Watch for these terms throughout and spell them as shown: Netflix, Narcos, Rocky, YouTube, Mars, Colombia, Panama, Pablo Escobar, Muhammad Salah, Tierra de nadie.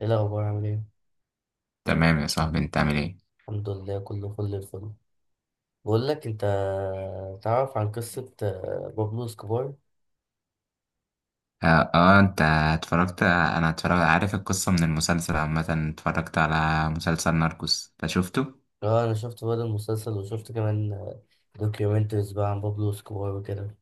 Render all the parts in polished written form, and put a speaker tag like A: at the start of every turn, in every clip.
A: ايه الاخبار؟ عامل ايه؟
B: تمام يا صاحبي، انت عامل ايه؟
A: الحمد لله، كله فل الفل. بقول لك انت، تعرف عن قصه بابلو اسكوبار؟
B: اه, آه، انت اتفرجت، انا اتفرج، عارف القصة من المسلسل عامة. اتفرجت على مسلسل ناركوس ده، شفته؟
A: اه، انا شفت بقى المسلسل وشفت كمان دوكيومنتريز بقى عن بابلو اسكوبار وكده.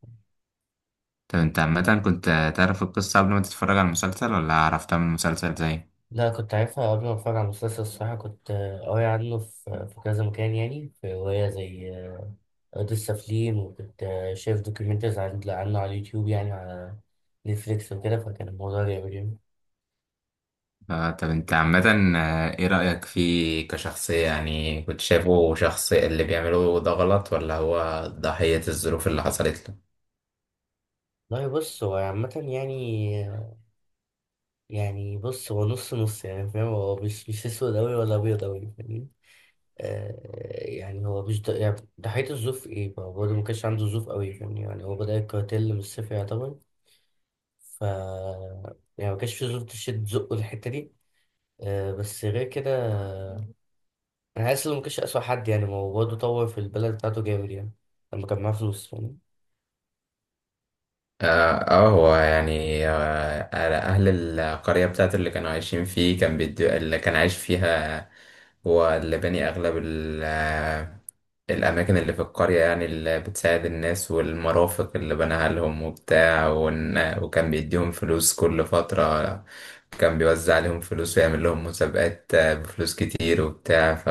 B: طب انت عامة كنت تعرف القصة قبل ما تتفرج على المسلسل ولا عرفتها من المسلسل زي؟
A: لا، كنت عارفها قبل ما اتفرج على المسلسل. الصراحه كنت قاري عنه في في كذا مكان، يعني في روايه زي ارض السافلين، وكنت شايف دوكيومنتريز عنه على اليوتيوب، يعني على نتفليكس وكده، فكان الموضوع جامد يعني.
B: اه. طب انت عامة، اه، ايه رأيك فيه كشخصية؟ يعني كنت شايفه شخص اللي بيعمله ده غلط ولا هو ضحية الظروف اللي حصلت له؟
A: لا بص، هو عامة يعني، يعني بص هو نص نص، يعني فاهم، هو مش اسود أوي ولا أبيض أوي، فاهمني. آه. يعني هو مش ده يعني. ضحية الظروف إيه؟ ما هو برضه ما كانش عنده ظروف أوي، فاهمني؟ يعني هو بدأ الكارتيل من الصفر يعتبر. ف يعني ما كانش في ظروف تشد زقه الحتة دي. آه، بس غير كده، أنا حاسس إنه ما كانش أسوأ حد، يعني ما هو برضه طور في البلد بتاعته جامد يعني، لما كان معاه فلوس، فاهمني.
B: اه. هو يعني على اهل القريه بتاعته اللي كانوا عايشين فيه، كان بيدو اللي كان عايش فيها. هو اللي بني اغلب الاماكن اللي في القريه يعني، اللي بتساعد الناس، والمرافق اللي بناها لهم وبتاع، وكان بيديهم فلوس كل فتره، كان بيوزع عليهم فلوس ويعمل لهم مسابقات بفلوس كتير وبتاع. ف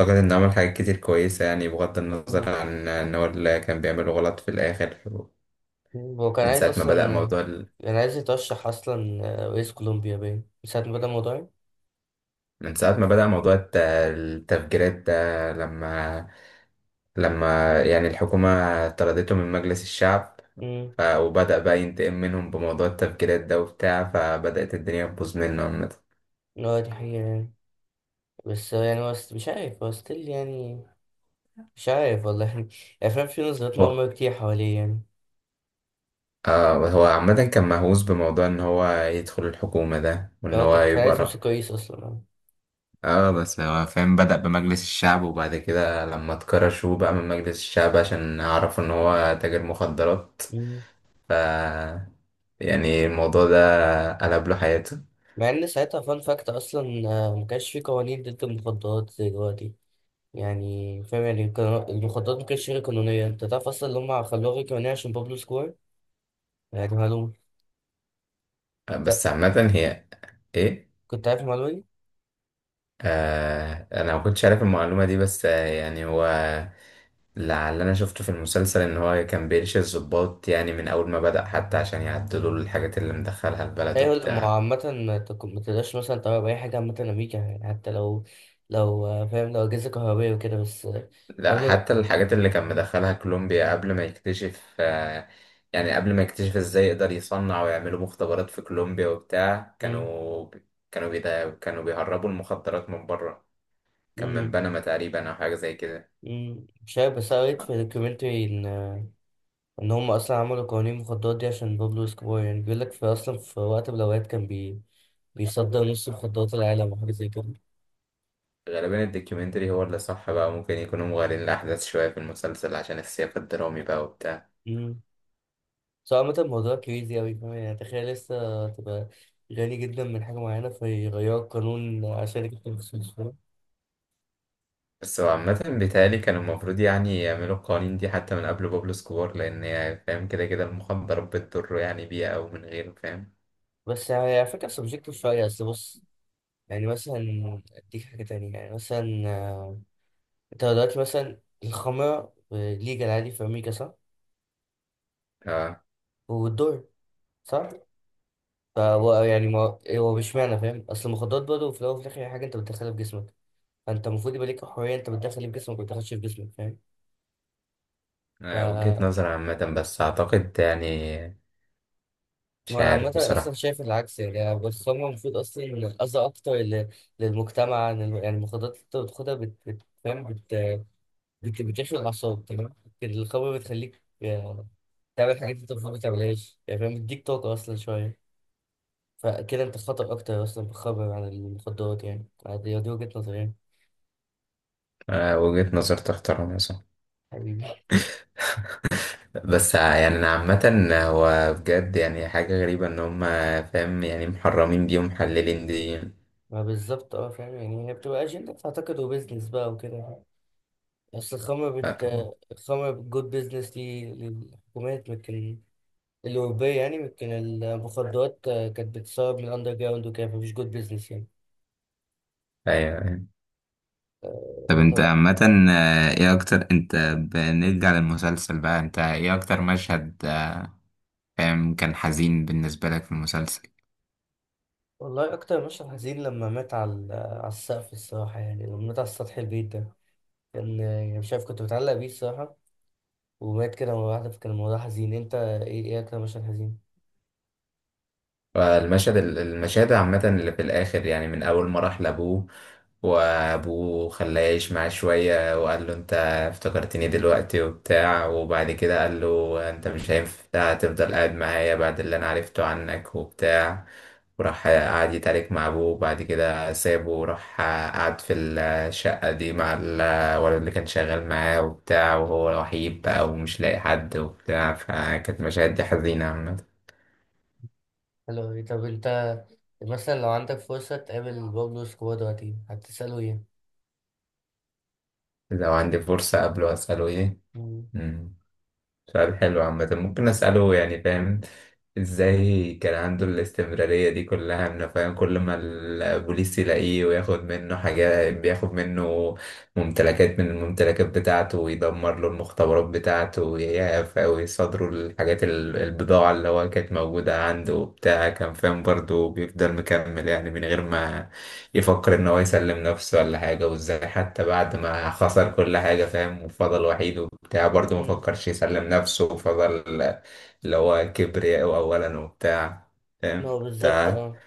B: أعتقد إنه عمل حاجات كتير كويسة يعني، بغض
A: مم.
B: النظر عن إن هو اللي كان بيعمله غلط في الآخر.
A: هو كان
B: من
A: عايز
B: ساعة ما
A: أصلا،
B: بدأ موضوع ال...
A: كان عايز يترشح أصلا رئيس كولومبيا، باين من ساعة ما بدأ الموضوع.
B: من ساعة ما بدأ موضوع التفجيرات ده، لما يعني الحكومة طردته من مجلس الشعب، ف... وبدأ بقى ينتقم منهم بموضوع التفجيرات ده وبتاع، فبدأت الدنيا تبوظ منه عامة.
A: اه، دي حقيقة يعني، بس يعني هو مش عارف، هو ستيل يعني، مش عارف والله يعني. الأفلام فيه نظريات
B: هو
A: مؤامرة كتير حواليه يعني.
B: آه، هو عامة كان مهووس بموضوع إن هو يدخل الحكومة ده، وإن
A: اه،
B: هو
A: كان
B: يبقى
A: عايز يمسك
B: رأ...
A: كويس أصلا، اه.
B: اه بس هو فاهم، بدأ بمجلس الشعب وبعد كده لما اتكرشوا بقى من مجلس الشعب عشان عرفوا إن هو تاجر مخدرات.
A: مم.
B: ف يعني الموضوع ده قلب له حياته.
A: مع إن ساعتها فان فاكت أصلا، ما كانش فيه قوانين ضد المخدرات زي دلوقتي، يعني فاهم؟ يعني كان المخدرات ما كانتش غير قانونية. أنت تعرف أصلا إن هما خلوها غير قانونية عشان بابلو سكور؟ يعني معلومة. ت-
B: بس عامة هي ايه،
A: كنت عارف المعلومة دي؟
B: آه انا ما كنتش عارف المعلومة دي، بس آه يعني هو لعل انا شفته في المسلسل ان هو كان بيرشي الضباط يعني من اول ما بدأ حتى، عشان يعدلوا له الحاجات اللي مدخلها البلد
A: ايوه، ما هو
B: وبتاع.
A: عامة ما تقدرش مثلا تغير أي حاجة عامة، أمريكا يعني، حتى لو، لو فاهم، لو أجهزة كهربائية وكده، بس
B: لا،
A: قبل.
B: حتى الحاجات اللي كان مدخلها كولومبيا قبل ما يكتشف آه، يعني قبل ما يكتشف ازاي يقدر يصنع ويعملوا مختبرات في كولومبيا وبتاع،
A: مم.
B: كانوا بيهربوا المخدرات من بره. كان من
A: مم.
B: بنما تقريبا أو حاجة زي كده.
A: مم، مش عارف، بس أنا قريت في دوكيومنتري إن إن هم أصلا عملوا قوانين المخدرات دي عشان بابلو اسكوبار. يعني بيقول لك في أصلا، في وقت من الأوقات، كان بيصدر نص مخدرات العالم وحاجة زي كده.
B: غالبا الدوكيومنتري هو اللي صح بقى، ممكن يكونوا مغالين الأحداث شوية في المسلسل عشان السياق الدرامي بقى وبتاع.
A: مم. بس هو عامة الموضوع كريزي أوي، فاهم يعني؟ تخيل لسه تبقى غني جدا من حاجة معينة فيغيروا القانون عشان يكتب فلوس.
B: بس هو عامة بيتهيألي كانوا المفروض يعني يعملوا القوانين دي حتى من قبل بابلو سكوار، لأن هي فاهم كده كده المخدرات بتضره يعني بيها أو من غيره، فاهم؟
A: بس يعني، على فكرة، سبجكتيف شوية، بس بص، يعني مثلا أديك حاجة تانية، يعني مثلا، أنت دلوقتي مثلا الخمرة ليجال عادي في أمريكا، صح؟
B: اه.
A: والدور، صح؟ فهو يعني، ما هو مش معنى، فاهم؟ أصل المخدرات برضه في الأول وفي الآخر هي حاجة أنت بتدخلها في جسمك، فأنت المفروض يبقى ليك حرية أنت بتدخل إيه في جسمك وما بتدخلش في جسمك، فاهم؟
B: وجهة
A: ف
B: نظر عامة، بس أعتقد يعني مش
A: وأنا
B: عارف
A: عامة أصلا
B: بصراحة.
A: شايف العكس، يعني الخمرة المفروض أصلا أذى أكتر للمجتمع يعني، المخدرات اللي أنت بتاخدها فاهم؟ بتخلق اعصاب، تمام؟ القهوه بتخليك تعمل حاجات انت المفروض ما تعملهاش، يعني فاهم، بتديك طاقه اصلا شويه، فكده انت خطر اكتر اصلا بتخبر عن المخدرات، يعني دي وجهه نظري يعني.
B: وجهة نظر تحترم مثلا.
A: حبيبي.
B: بس يعني انا عامة هو بجد يعني حاجة غريبة ان هم فاهم يعني محرمين دي ومحللين دي.
A: ما بالظبط، اه، فاهم يعني، هي بتبقى اجنده اعتقد وبزنس بقى وكده. اصل الخمر
B: ف-
A: الخمر جود بزنس دي للحكومات، لكن الأوروبية يعني، لكن المخدرات كانت بتسرب من الأندر جراوند وكده، فمفيش جود بزنس يعني.
B: ايوه، أيوة. طب انت
A: طب.
B: عامة، ايه اكتر، انت بنرجع للمسلسل بقى، انت ايه اكتر مشهد فاهم، كان حزين بالنسبة لك في المسلسل؟
A: والله أكتر مشهد حزين لما مات على السقف، الصراحة يعني، لما مات على سطح البيت ده كان، يعني مش عارف، كنت متعلق بيه الصراحة، ومات كده مرة واحدة، فكان الموضوع حزين. أنت إيه أكتر مشهد حزين؟
B: المشاهد عامة اللي في الآخر يعني، من أول ما راح لأبوه وأبوه خلاه يعيش معاه شوية وقال له أنت افتكرتني دلوقتي وبتاع، وبعد كده قال له أنت مش هينفع تفضل قاعد معايا بعد اللي أنا عرفته عنك وبتاع، وراح قعد يتعارك مع أبوه، وبعد كده سابه وراح قعد في الشقة دي مع الولد اللي كان شغال معاه وبتاع، وهو وحيد بقى ومش لاقي حد وبتاع. فكانت مشاهد دي حزينة عامة.
A: حلو أوي. طب أنت مثلا لو عندك فرصة تقابل بابلو اسكوبار دلوقتي، هتسأله إيه؟
B: لو عندي فرصة قبله أسأله إيه؟
A: مم.
B: مم. سؤال حلو عامة، ممكن أسأله يعني فاهم، إزاي كان عنده الاستمرارية دي كلها؟ إنه فاهم كل ما البوليس يلاقيه وياخد منه حاجات، بياخد منه ممتلكات من الممتلكات بتاعته، ويدمر له المختبرات بتاعته ويصادروا الحاجات البضاعة اللي هو كانت موجودة عنده وبتاع، كان فاهم برضه بيفضل مكمل يعني من غير ما يفكر ان هو يسلم نفسه ولا حاجة. وازاي حتى بعد ما خسر كل حاجة فاهم وفضل وحيد وبتاع برضه ما
A: مم.
B: فكرش يسلم نفسه وفضل، اللي هو كبرياء اولا وبتاع.
A: هو
B: فاهم
A: بالظبط،
B: انت،
A: أه.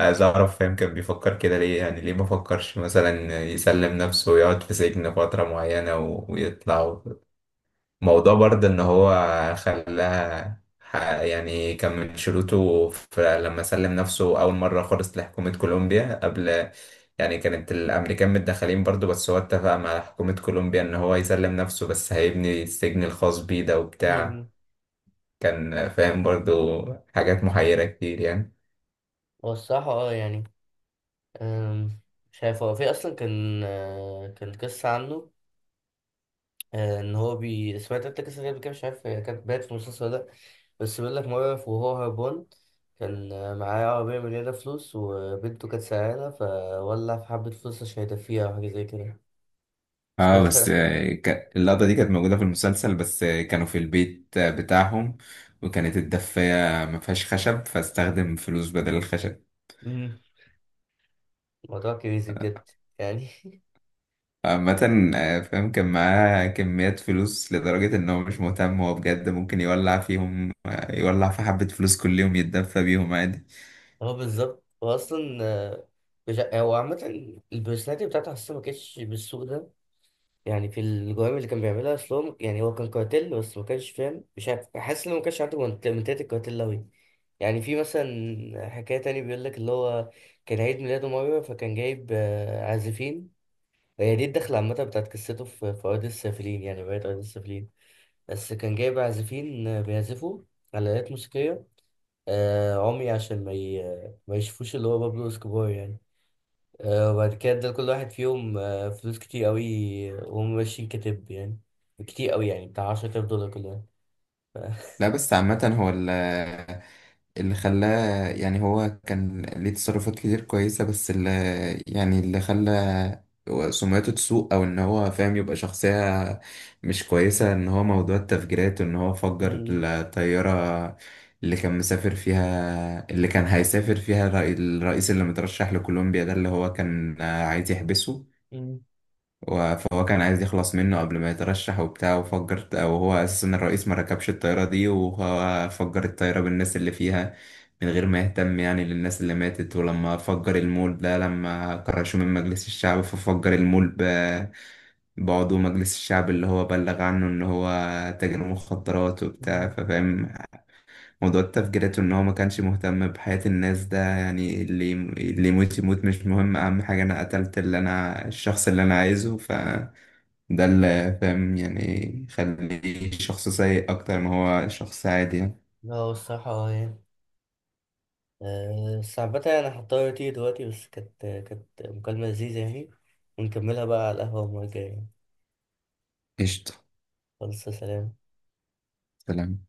B: عايز اعرف فاهم كان بيفكر كده ليه؟ يعني ليه ما فكرش مثلا يسلم نفسه ويقعد في سجن فترة معينة ويطلع؟ موضوع برضه ان هو يعني كان من شروطه لما سلم نفسه اول مره خالص لحكومه كولومبيا قبل، يعني كانت الامريكان متدخلين برضه، بس هو اتفق مع حكومه كولومبيا ان هو يسلم نفسه بس هيبني السجن الخاص بيه ده وبتاع.
A: مم.
B: كان فاهم برضه حاجات محيره كتير يعني.
A: هو الصراحة أه يعني، أم، مش عارف. هو في أصلا كان كان قصة عنه، ان هو سمعت انت قصه غريبه كده؟ مش عارف هي كانت بات في المسلسل ولا لا. بس بيقول لك، موقف وهو هربان، كان معاه عربيه مليانه فلوس، وبنته كانت سعيانه، فولع في حبه فلوس عشان يدفيها او حاجه زي كده.
B: اه بس
A: سمعتها؟
B: اللقطة دي كانت موجودة في المسلسل، بس كانوا في البيت بتاعهم، وكانت الدفاية ما فيهاش خشب، فاستخدم فلوس بدل الخشب.
A: امم موضوع كريزي بجد يعني.
B: عامة فاهم، كان معاه كميات فلوس لدرجة إن هو مش مهتم هو بجد ممكن يولع فيهم، يولع في حبة فلوس كل يوم يتدفى بيهم عادي.
A: هو بالظبط، هو اصلا مش ع- هو عامه البرسوناليتي بتاعته حاسه ما كانتش بالسوء ده، يعني في الجرائم اللي كان بيعملها اصلهم، يعني هو كان كارتيل بس ما كانش، فاهم؟ مش عارف، حاسس انه ما كانش عنده منتاليتي الكارتيل أوي. يعني في مثلا حكاية تاني بيقول لك، اللي هو كان عيد ميلاده مرة فكان جايب عازفين. هي دي الدخلة عامة بتاعت قصته في أرض السافلين، يعني رواية أرض السافلين. بس كان جايب عازفين بيعزفوا على آلات موسيقية، عمي عشان ما يشوفوش اللي هو بابلو اسكوبار يعني. وبعد كده ادى لكل واحد فيهم فلوس كتير قوي وهم ماشيين، كتب يعني، كتير قوي، يعني بتاع $10,000 كل واحد. ف-
B: لا بس عامة هو اللي خلاه يعني، هو كان ليه تصرفات كتير كويسة، بس اللي يعني اللي خلى سمعته تسوء أو إن هو فاهم يبقى شخصية مش كويسة، إن هو موضوع التفجيرات وإن هو فجر
A: مم،
B: الطيارة اللي كان مسافر فيها، اللي كان هيسافر فيها الرئيس اللي مترشح لكولومبيا ده، اللي هو كان عايز يحبسه.
A: مم،
B: فهو كان عايز يخلص منه قبل ما يترشح وبتاع، وفجر، وهو اساسا الرئيس ما ركبش الطيارة دي، وهو فجر الطيارة بالناس اللي فيها من غير ما يهتم يعني للناس اللي ماتت. ولما فجر المول ده، لما كرشوه من مجلس الشعب، ففجر المول بعضو مجلس الشعب اللي هو بلغ عنه ان هو تاجر مخدرات وبتاع،
A: مم.
B: ففاهم موضوع تفجيرته ان هو ما كانش مهتم بحياة الناس ده يعني، اللي يموت يموت مش مهم، اهم حاجة انا قتلت اللي انا الشخص اللي انا عايزه. ف ده اللي فاهم يعني يخليه شخص سيء أكتر ما هو شخص عادي يعني.
A: لا هو الصراحة اه يعني، بس عامة أنا هضطر أطير دلوقتي، بس كانت مكالمة لذيذة يعني، ونكملها بقى على القهوة المرة الجاية يعني.
B: قشطة.
A: خلاص، سلام.
B: سلام.